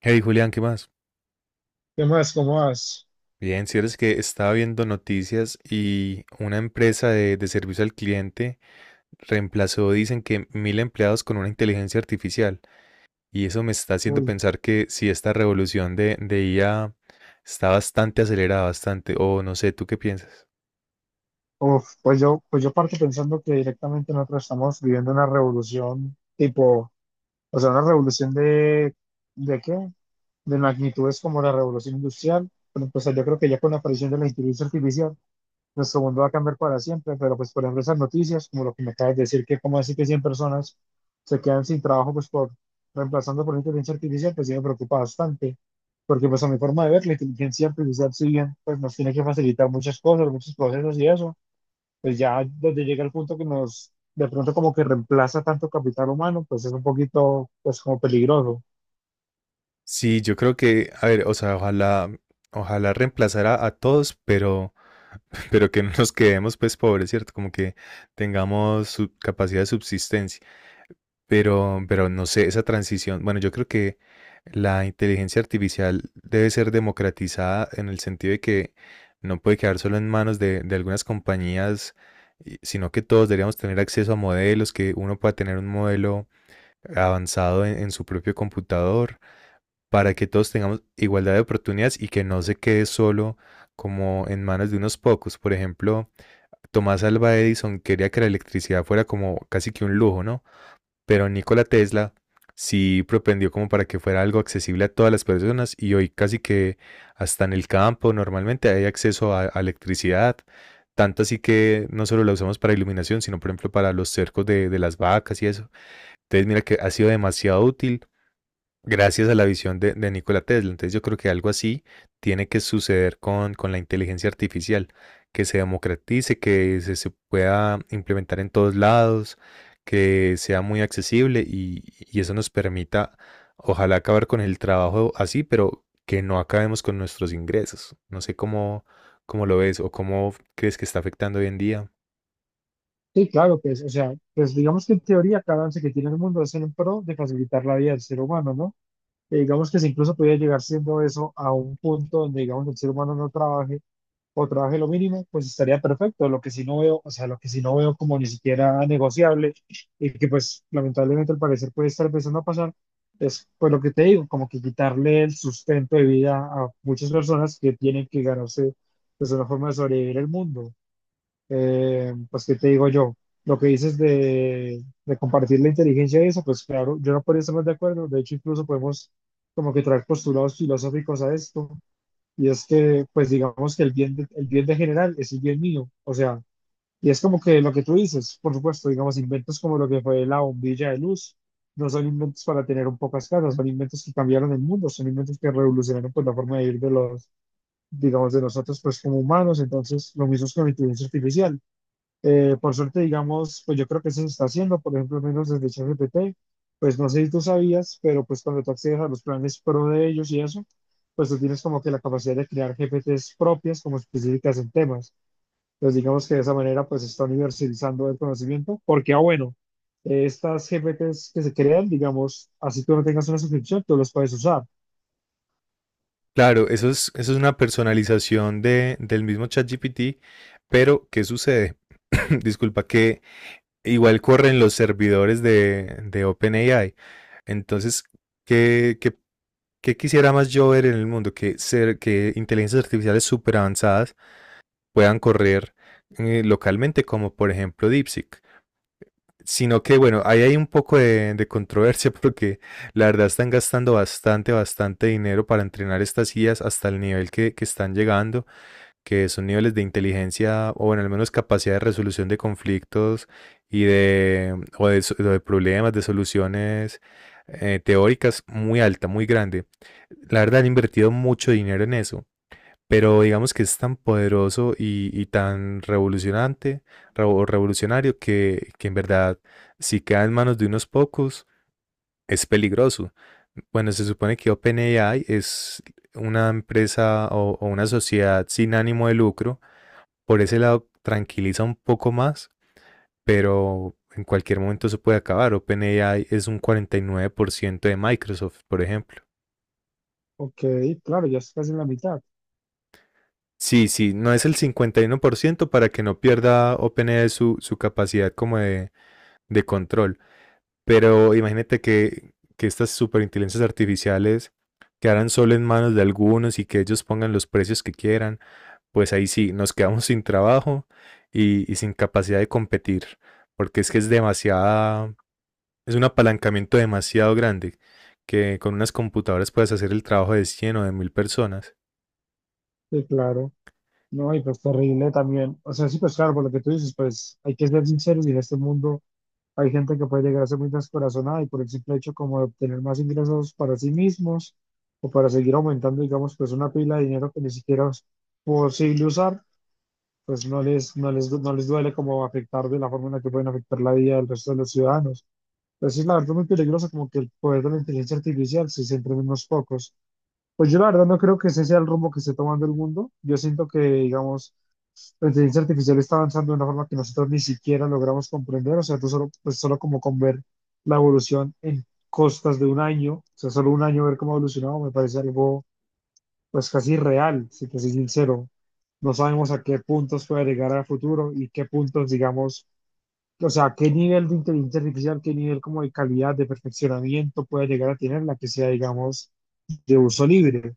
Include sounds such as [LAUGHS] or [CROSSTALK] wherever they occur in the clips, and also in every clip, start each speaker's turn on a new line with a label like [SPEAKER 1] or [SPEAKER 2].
[SPEAKER 1] Hey Julián, ¿qué más?
[SPEAKER 2] ¿Qué más? ¿Cómo vas?
[SPEAKER 1] Bien, si eres que estaba viendo noticias y una empresa de servicio al cliente reemplazó, dicen que mil empleados con una inteligencia artificial. Y eso me está haciendo
[SPEAKER 2] Uy,
[SPEAKER 1] pensar que si esta revolución de IA está bastante acelerada, bastante, o no sé, ¿tú qué piensas?
[SPEAKER 2] uf, pues yo parto pensando que directamente nosotros estamos viviendo una revolución tipo, o sea, una revolución ¿de qué? De magnitudes como la revolución industrial, pero pues yo creo que ya con la aparición de la inteligencia artificial nuestro mundo va a cambiar para siempre, pero pues por ejemplo esas noticias, como lo que me acabas de decir, que como así que 100 personas se quedan sin trabajo pues por reemplazando por inteligencia artificial, pues sí me preocupa bastante, porque pues a mi forma de ver, la inteligencia artificial si bien pues nos tiene que facilitar muchas cosas, muchos procesos y eso, pues ya donde llega el punto que nos de pronto como que reemplaza tanto capital humano, pues es un poquito pues como peligroso.
[SPEAKER 1] Sí, yo creo que, a ver, o sea, ojalá reemplazara a todos, pero, [LAUGHS] pero que no nos quedemos pues pobres, ¿cierto? Como que tengamos su capacidad de subsistencia. Pero no sé, esa transición, bueno, yo creo que la inteligencia artificial debe ser democratizada en el sentido de que no puede quedar solo en manos de algunas compañías, sino que todos deberíamos tener acceso a modelos, que uno pueda tener un modelo avanzado en su propio computador, para que todos tengamos igualdad de oportunidades y que no se quede solo como en manos de unos pocos. Por ejemplo, Tomás Alva Edison quería que la electricidad fuera como casi que un lujo, ¿no? Pero Nikola Tesla sí propendió como para que fuera algo accesible a todas las personas y hoy casi que hasta en el campo normalmente hay acceso a electricidad. Tanto así que no solo la usamos para iluminación, sino por ejemplo para los cercos de las vacas y eso. Entonces mira que ha sido demasiado útil gracias a la visión de Nikola Tesla. Entonces yo creo que algo así tiene que suceder con la inteligencia artificial, que se democratice, que se pueda implementar en todos lados, que sea muy accesible y eso nos permita, ojalá acabar con el trabajo así, pero que no acabemos con nuestros ingresos. No sé cómo, cómo lo ves o cómo crees que está afectando hoy en día.
[SPEAKER 2] Sí, claro, pues, o sea, pues digamos que en teoría cada avance que tiene el mundo es en pro de facilitar la vida del ser humano, ¿no? Que digamos que si incluso pudiera llegar siendo eso a un punto donde digamos el ser humano no trabaje o trabaje lo mínimo, pues estaría perfecto. Lo que sí no veo, o sea, lo que sí no veo como ni siquiera negociable y que pues lamentablemente al parecer puede estar empezando a pasar, es pues lo que te digo, como que quitarle el sustento de vida a muchas personas que tienen que ganarse pues una forma de sobrevivir el mundo. Pues, ¿qué te digo yo? Lo que dices de compartir la inteligencia y eso, pues claro, yo no podría estar más de acuerdo. De hecho, incluso podemos como que traer postulados filosóficos a esto. Y es que, pues digamos que el bien de general es el bien mío. O sea, y es como que lo que tú dices, por supuesto, digamos, inventos como lo que fue la bombilla de luz, no son inventos para tener un pocas casas, son inventos que cambiaron el mundo, son inventos que revolucionaron pues la forma de vivir de los, digamos, de nosotros pues como humanos. Entonces, lo mismo es con la inteligencia artificial por suerte, digamos, pues yo creo que eso se está haciendo, por ejemplo, al menos desde ChatGPT, pues no sé si tú sabías, pero pues cuando tú accedes a los planes pro de ellos y eso, pues tú tienes como que la capacidad de crear GPTs propias como específicas en temas. Entonces, digamos que de esa manera pues se está universalizando el conocimiento, porque, ah, bueno, estas GPTs que se crean, digamos, así tú no tengas una suscripción, tú los puedes usar.
[SPEAKER 1] Claro, eso es una personalización de, del mismo ChatGPT, pero ¿qué sucede? [CLEARS THROAT] Disculpa, que igual corren los servidores de OpenAI. Entonces, ¿qué, qué, qué quisiera más yo ver en el mundo? Que inteligencias artificiales súper avanzadas puedan correr localmente, como por ejemplo DeepSeek. Sino que bueno, ahí hay un poco de controversia [LAUGHS] porque la verdad están gastando bastante, bastante dinero para entrenar estas guías hasta el nivel que están llegando, que son niveles de inteligencia o bueno, al menos capacidad de resolución de conflictos de problemas, de soluciones teóricas muy alta, muy grande. La verdad han invertido mucho dinero en eso pero digamos que es tan poderoso y tan revolucionante, revo- o revolucionario, que en verdad, si queda en manos de unos pocos, es peligroso. Bueno, se supone que OpenAI es una empresa o una sociedad sin ánimo de lucro. Por ese lado, tranquiliza un poco más, pero en cualquier momento se puede acabar. OpenAI es un 49% de Microsoft, por ejemplo.
[SPEAKER 2] Ok, claro, ya estás casi en la mitad.
[SPEAKER 1] Sí, sí, no es el 51% para que no pierda OpenAI su capacidad como de control. Pero imagínate que estas superinteligencias artificiales quedaran solo en manos de algunos y que ellos pongan los precios que quieran, pues ahí sí, nos quedamos [LAUGHS] sin trabajo y sin capacidad de competir, porque es que es demasiada, es un apalancamiento demasiado grande, que con unas computadoras puedes hacer el trabajo de 100 o de 1000 personas.
[SPEAKER 2] Sí, claro. No, y pues terrible también. O sea, sí, pues claro, por lo que tú dices, pues hay que ser sinceros y en este mundo hay gente que puede llegar a ser muy descorazonada y por el simple hecho como de obtener más ingresos para sí mismos o para seguir aumentando, digamos, pues una pila de dinero que ni siquiera es posible usar, pues no les duele como afectar de la forma en la que pueden afectar la vida del resto de los ciudadanos. Pero sí, la verdad, muy peligroso como que el poder de la inteligencia artificial se centra en unos pocos. Pues yo la verdad no creo que ese sea el rumbo que esté tomando el mundo. Yo siento que, digamos, la inteligencia artificial está avanzando de una forma que nosotros ni siquiera logramos comprender, o sea, tú solo, pues solo como con ver la evolución en costas de un año, o sea, solo un año ver cómo ha evolucionado me parece algo pues casi real, si te soy sincero. No sabemos a qué puntos puede llegar a futuro y qué puntos, digamos, o sea, qué nivel de inteligencia artificial, qué nivel como de calidad, de perfeccionamiento puede llegar a tener la que sea, digamos, de uso libre.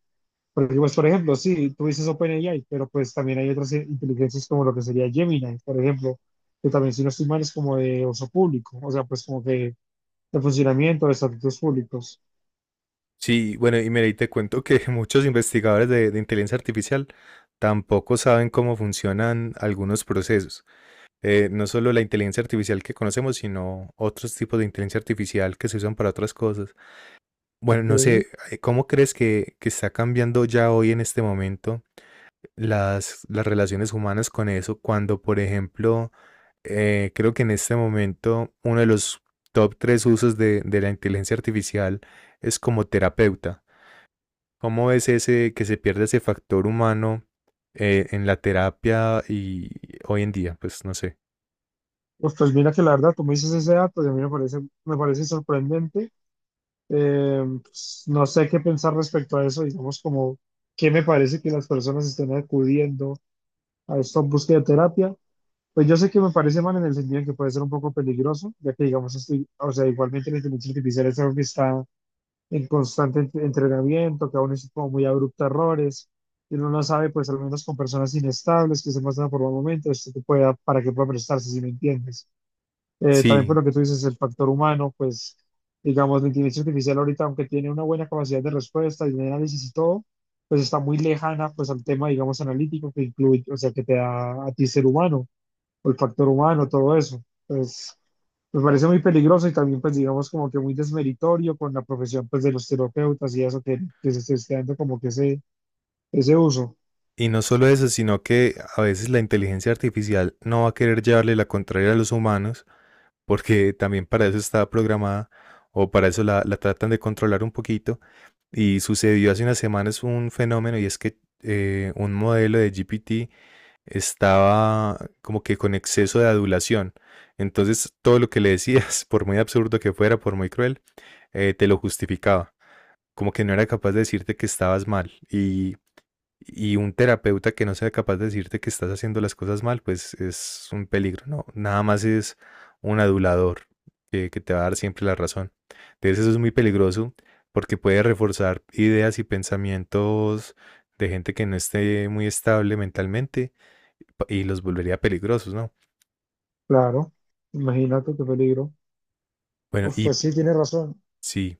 [SPEAKER 2] Porque, pues, por ejemplo, sí, tú dices OpenAI, pero pues también hay otras inteligencias como lo que sería Gemini, por ejemplo, que también, si no estoy mal, es como de uso público, o sea, pues como que de funcionamiento de estatutos públicos.
[SPEAKER 1] Sí, bueno, y mira, y te cuento que [LAUGHS] muchos investigadores de inteligencia artificial tampoco saben cómo funcionan algunos procesos. No solo la inteligencia artificial que conocemos, sino otros tipos de inteligencia artificial que se usan para otras cosas. Bueno,
[SPEAKER 2] Ok,
[SPEAKER 1] no sé, ¿cómo crees que está cambiando ya hoy en este momento las relaciones humanas con eso? Cuando, por ejemplo, creo que en este momento uno de los top tres usos de la inteligencia artificial es como terapeuta. ¿Cómo es ese que se pierde ese factor humano en la terapia y hoy en día? Pues no sé.
[SPEAKER 2] pues, pues mira que la verdad, tú me dices ese dato y a mí me parece sorprendente. Pues, no sé qué pensar respecto a eso, digamos, como qué me parece que las personas estén acudiendo a esta búsqueda de terapia. Pues yo sé que me parece mal en el sentido en que puede ser un poco peligroso, ya que digamos, estoy, o sea, igualmente la inteligencia artificial es algo que está en constante entrenamiento, que aún es como muy abrupto a errores, y uno no sabe, pues al menos con personas inestables que se muestran por un momento, esto que pueda, para que pueda prestarse, si me entiendes. También por
[SPEAKER 1] Sí,
[SPEAKER 2] lo que tú dices, el factor humano, pues digamos, la inteligencia artificial ahorita, aunque tiene una buena capacidad de respuesta y de análisis y todo, pues está muy lejana, pues al tema, digamos, analítico que incluye, o sea, que te da a ti ser humano o el factor humano, todo eso. Pues me parece muy peligroso y también pues digamos como que muy desmeritorio con la profesión pues de los terapeutas y eso que se esté dando como que ese uso.
[SPEAKER 1] y no solo eso, sino que a veces la inteligencia artificial no va a querer llevarle la contraria a los humanos, porque también para eso está programada o para eso la tratan de controlar un poquito. Y sucedió hace unas semanas un fenómeno y es que un modelo de GPT estaba como que con exceso de adulación. Entonces, todo lo que le decías, [LAUGHS] por muy absurdo que fuera, por muy cruel, te lo justificaba. Como que no era capaz de decirte que estabas mal. Y un terapeuta que no sea capaz de decirte que estás haciendo las cosas mal, pues es un peligro, ¿no? Nada más es un adulador que te va a dar siempre la razón. Entonces, eso es muy peligroso porque puede reforzar ideas y pensamientos de gente que no esté muy estable mentalmente y los volvería peligrosos, ¿no?
[SPEAKER 2] Claro, imagínate qué peligro.
[SPEAKER 1] Bueno,
[SPEAKER 2] Uf,
[SPEAKER 1] y
[SPEAKER 2] pues sí, tienes razón.
[SPEAKER 1] sí,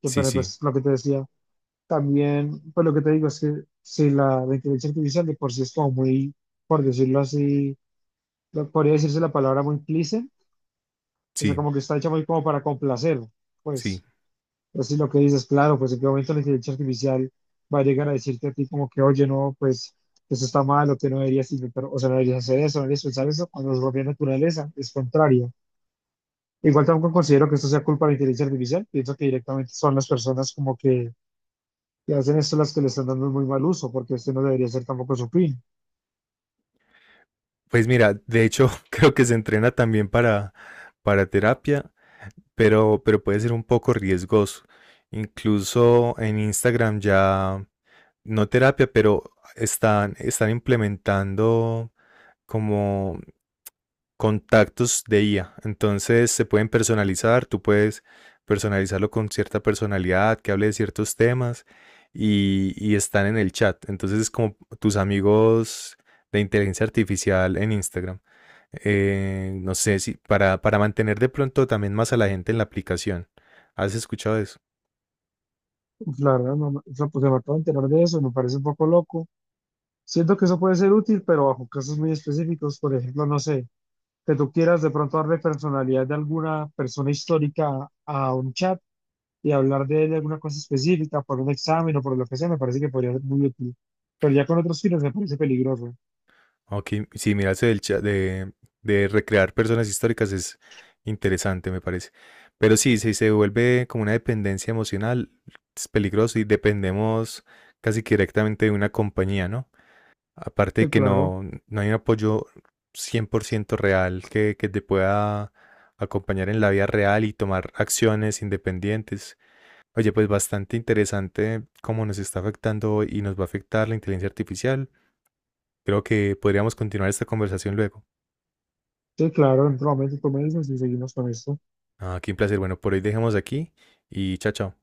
[SPEAKER 1] sí,
[SPEAKER 2] Pero
[SPEAKER 1] sí,
[SPEAKER 2] pues lo que te decía, también pues lo que te digo es que si la inteligencia artificial de por sí es como muy, por decirlo así, podría decirse la palabra muy cliché, o sea
[SPEAKER 1] sí,
[SPEAKER 2] como que está hecha muy como para complacer,
[SPEAKER 1] sí.
[SPEAKER 2] pues. Pues sí, lo que dices, claro, pues en qué momento la inteligencia artificial va a llegar a decirte a ti como que, oye, no, pues eso está mal o que no deberías intentar, o sea, no deberías hacer eso, no deberías pensar eso, cuando es propia naturaleza, es contrario. Igual tampoco considero que esto sea culpa de la inteligencia artificial, pienso que directamente son las personas como que hacen esto las que le están dando muy mal uso, porque este no debería ser tampoco su fin.
[SPEAKER 1] Pues mira, de hecho [LAUGHS] creo que se entrena también para terapia, pero puede ser un poco riesgoso. Incluso en Instagram ya, no terapia, pero están implementando como contactos de IA. Entonces se pueden personalizar, tú puedes personalizarlo con cierta personalidad, que hable de ciertos temas y están en el chat. Entonces es como tus amigos de inteligencia artificial en Instagram. No sé si para mantener de pronto también más a la gente en la aplicación. ¿Has escuchado eso?
[SPEAKER 2] Uf, la verdad, no, no, pues me acabo de enterar de eso, me parece un poco loco. Siento que eso puede ser útil, pero bajo casos muy específicos, por ejemplo, no sé, que tú quieras de pronto darle personalidad de alguna persona histórica a un chat y hablar de él de alguna cosa específica, por un examen o por lo que sea, me parece que podría ser muy útil. Pero ya con otros fines me parece peligroso.
[SPEAKER 1] Ok, sí, mira, ese del chat de recrear personas históricas es interesante, me parece. Pero sí, si se vuelve como una dependencia emocional, es peligroso y dependemos casi que directamente de una compañía, ¿no? Aparte de
[SPEAKER 2] Sí,
[SPEAKER 1] que
[SPEAKER 2] claro,
[SPEAKER 1] no, no hay un apoyo 100% real que te pueda acompañar en la vida real y tomar acciones independientes. Oye, pues bastante interesante cómo nos está afectando y nos va a afectar la inteligencia artificial. Creo que podríamos continuar esta conversación luego.
[SPEAKER 2] sí, claro, en otro momento tú me dices y seguimos con esto.
[SPEAKER 1] Ah, qué un placer. Bueno, por hoy dejemos aquí y chao, chao.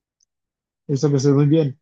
[SPEAKER 2] Esto que estés muy bien.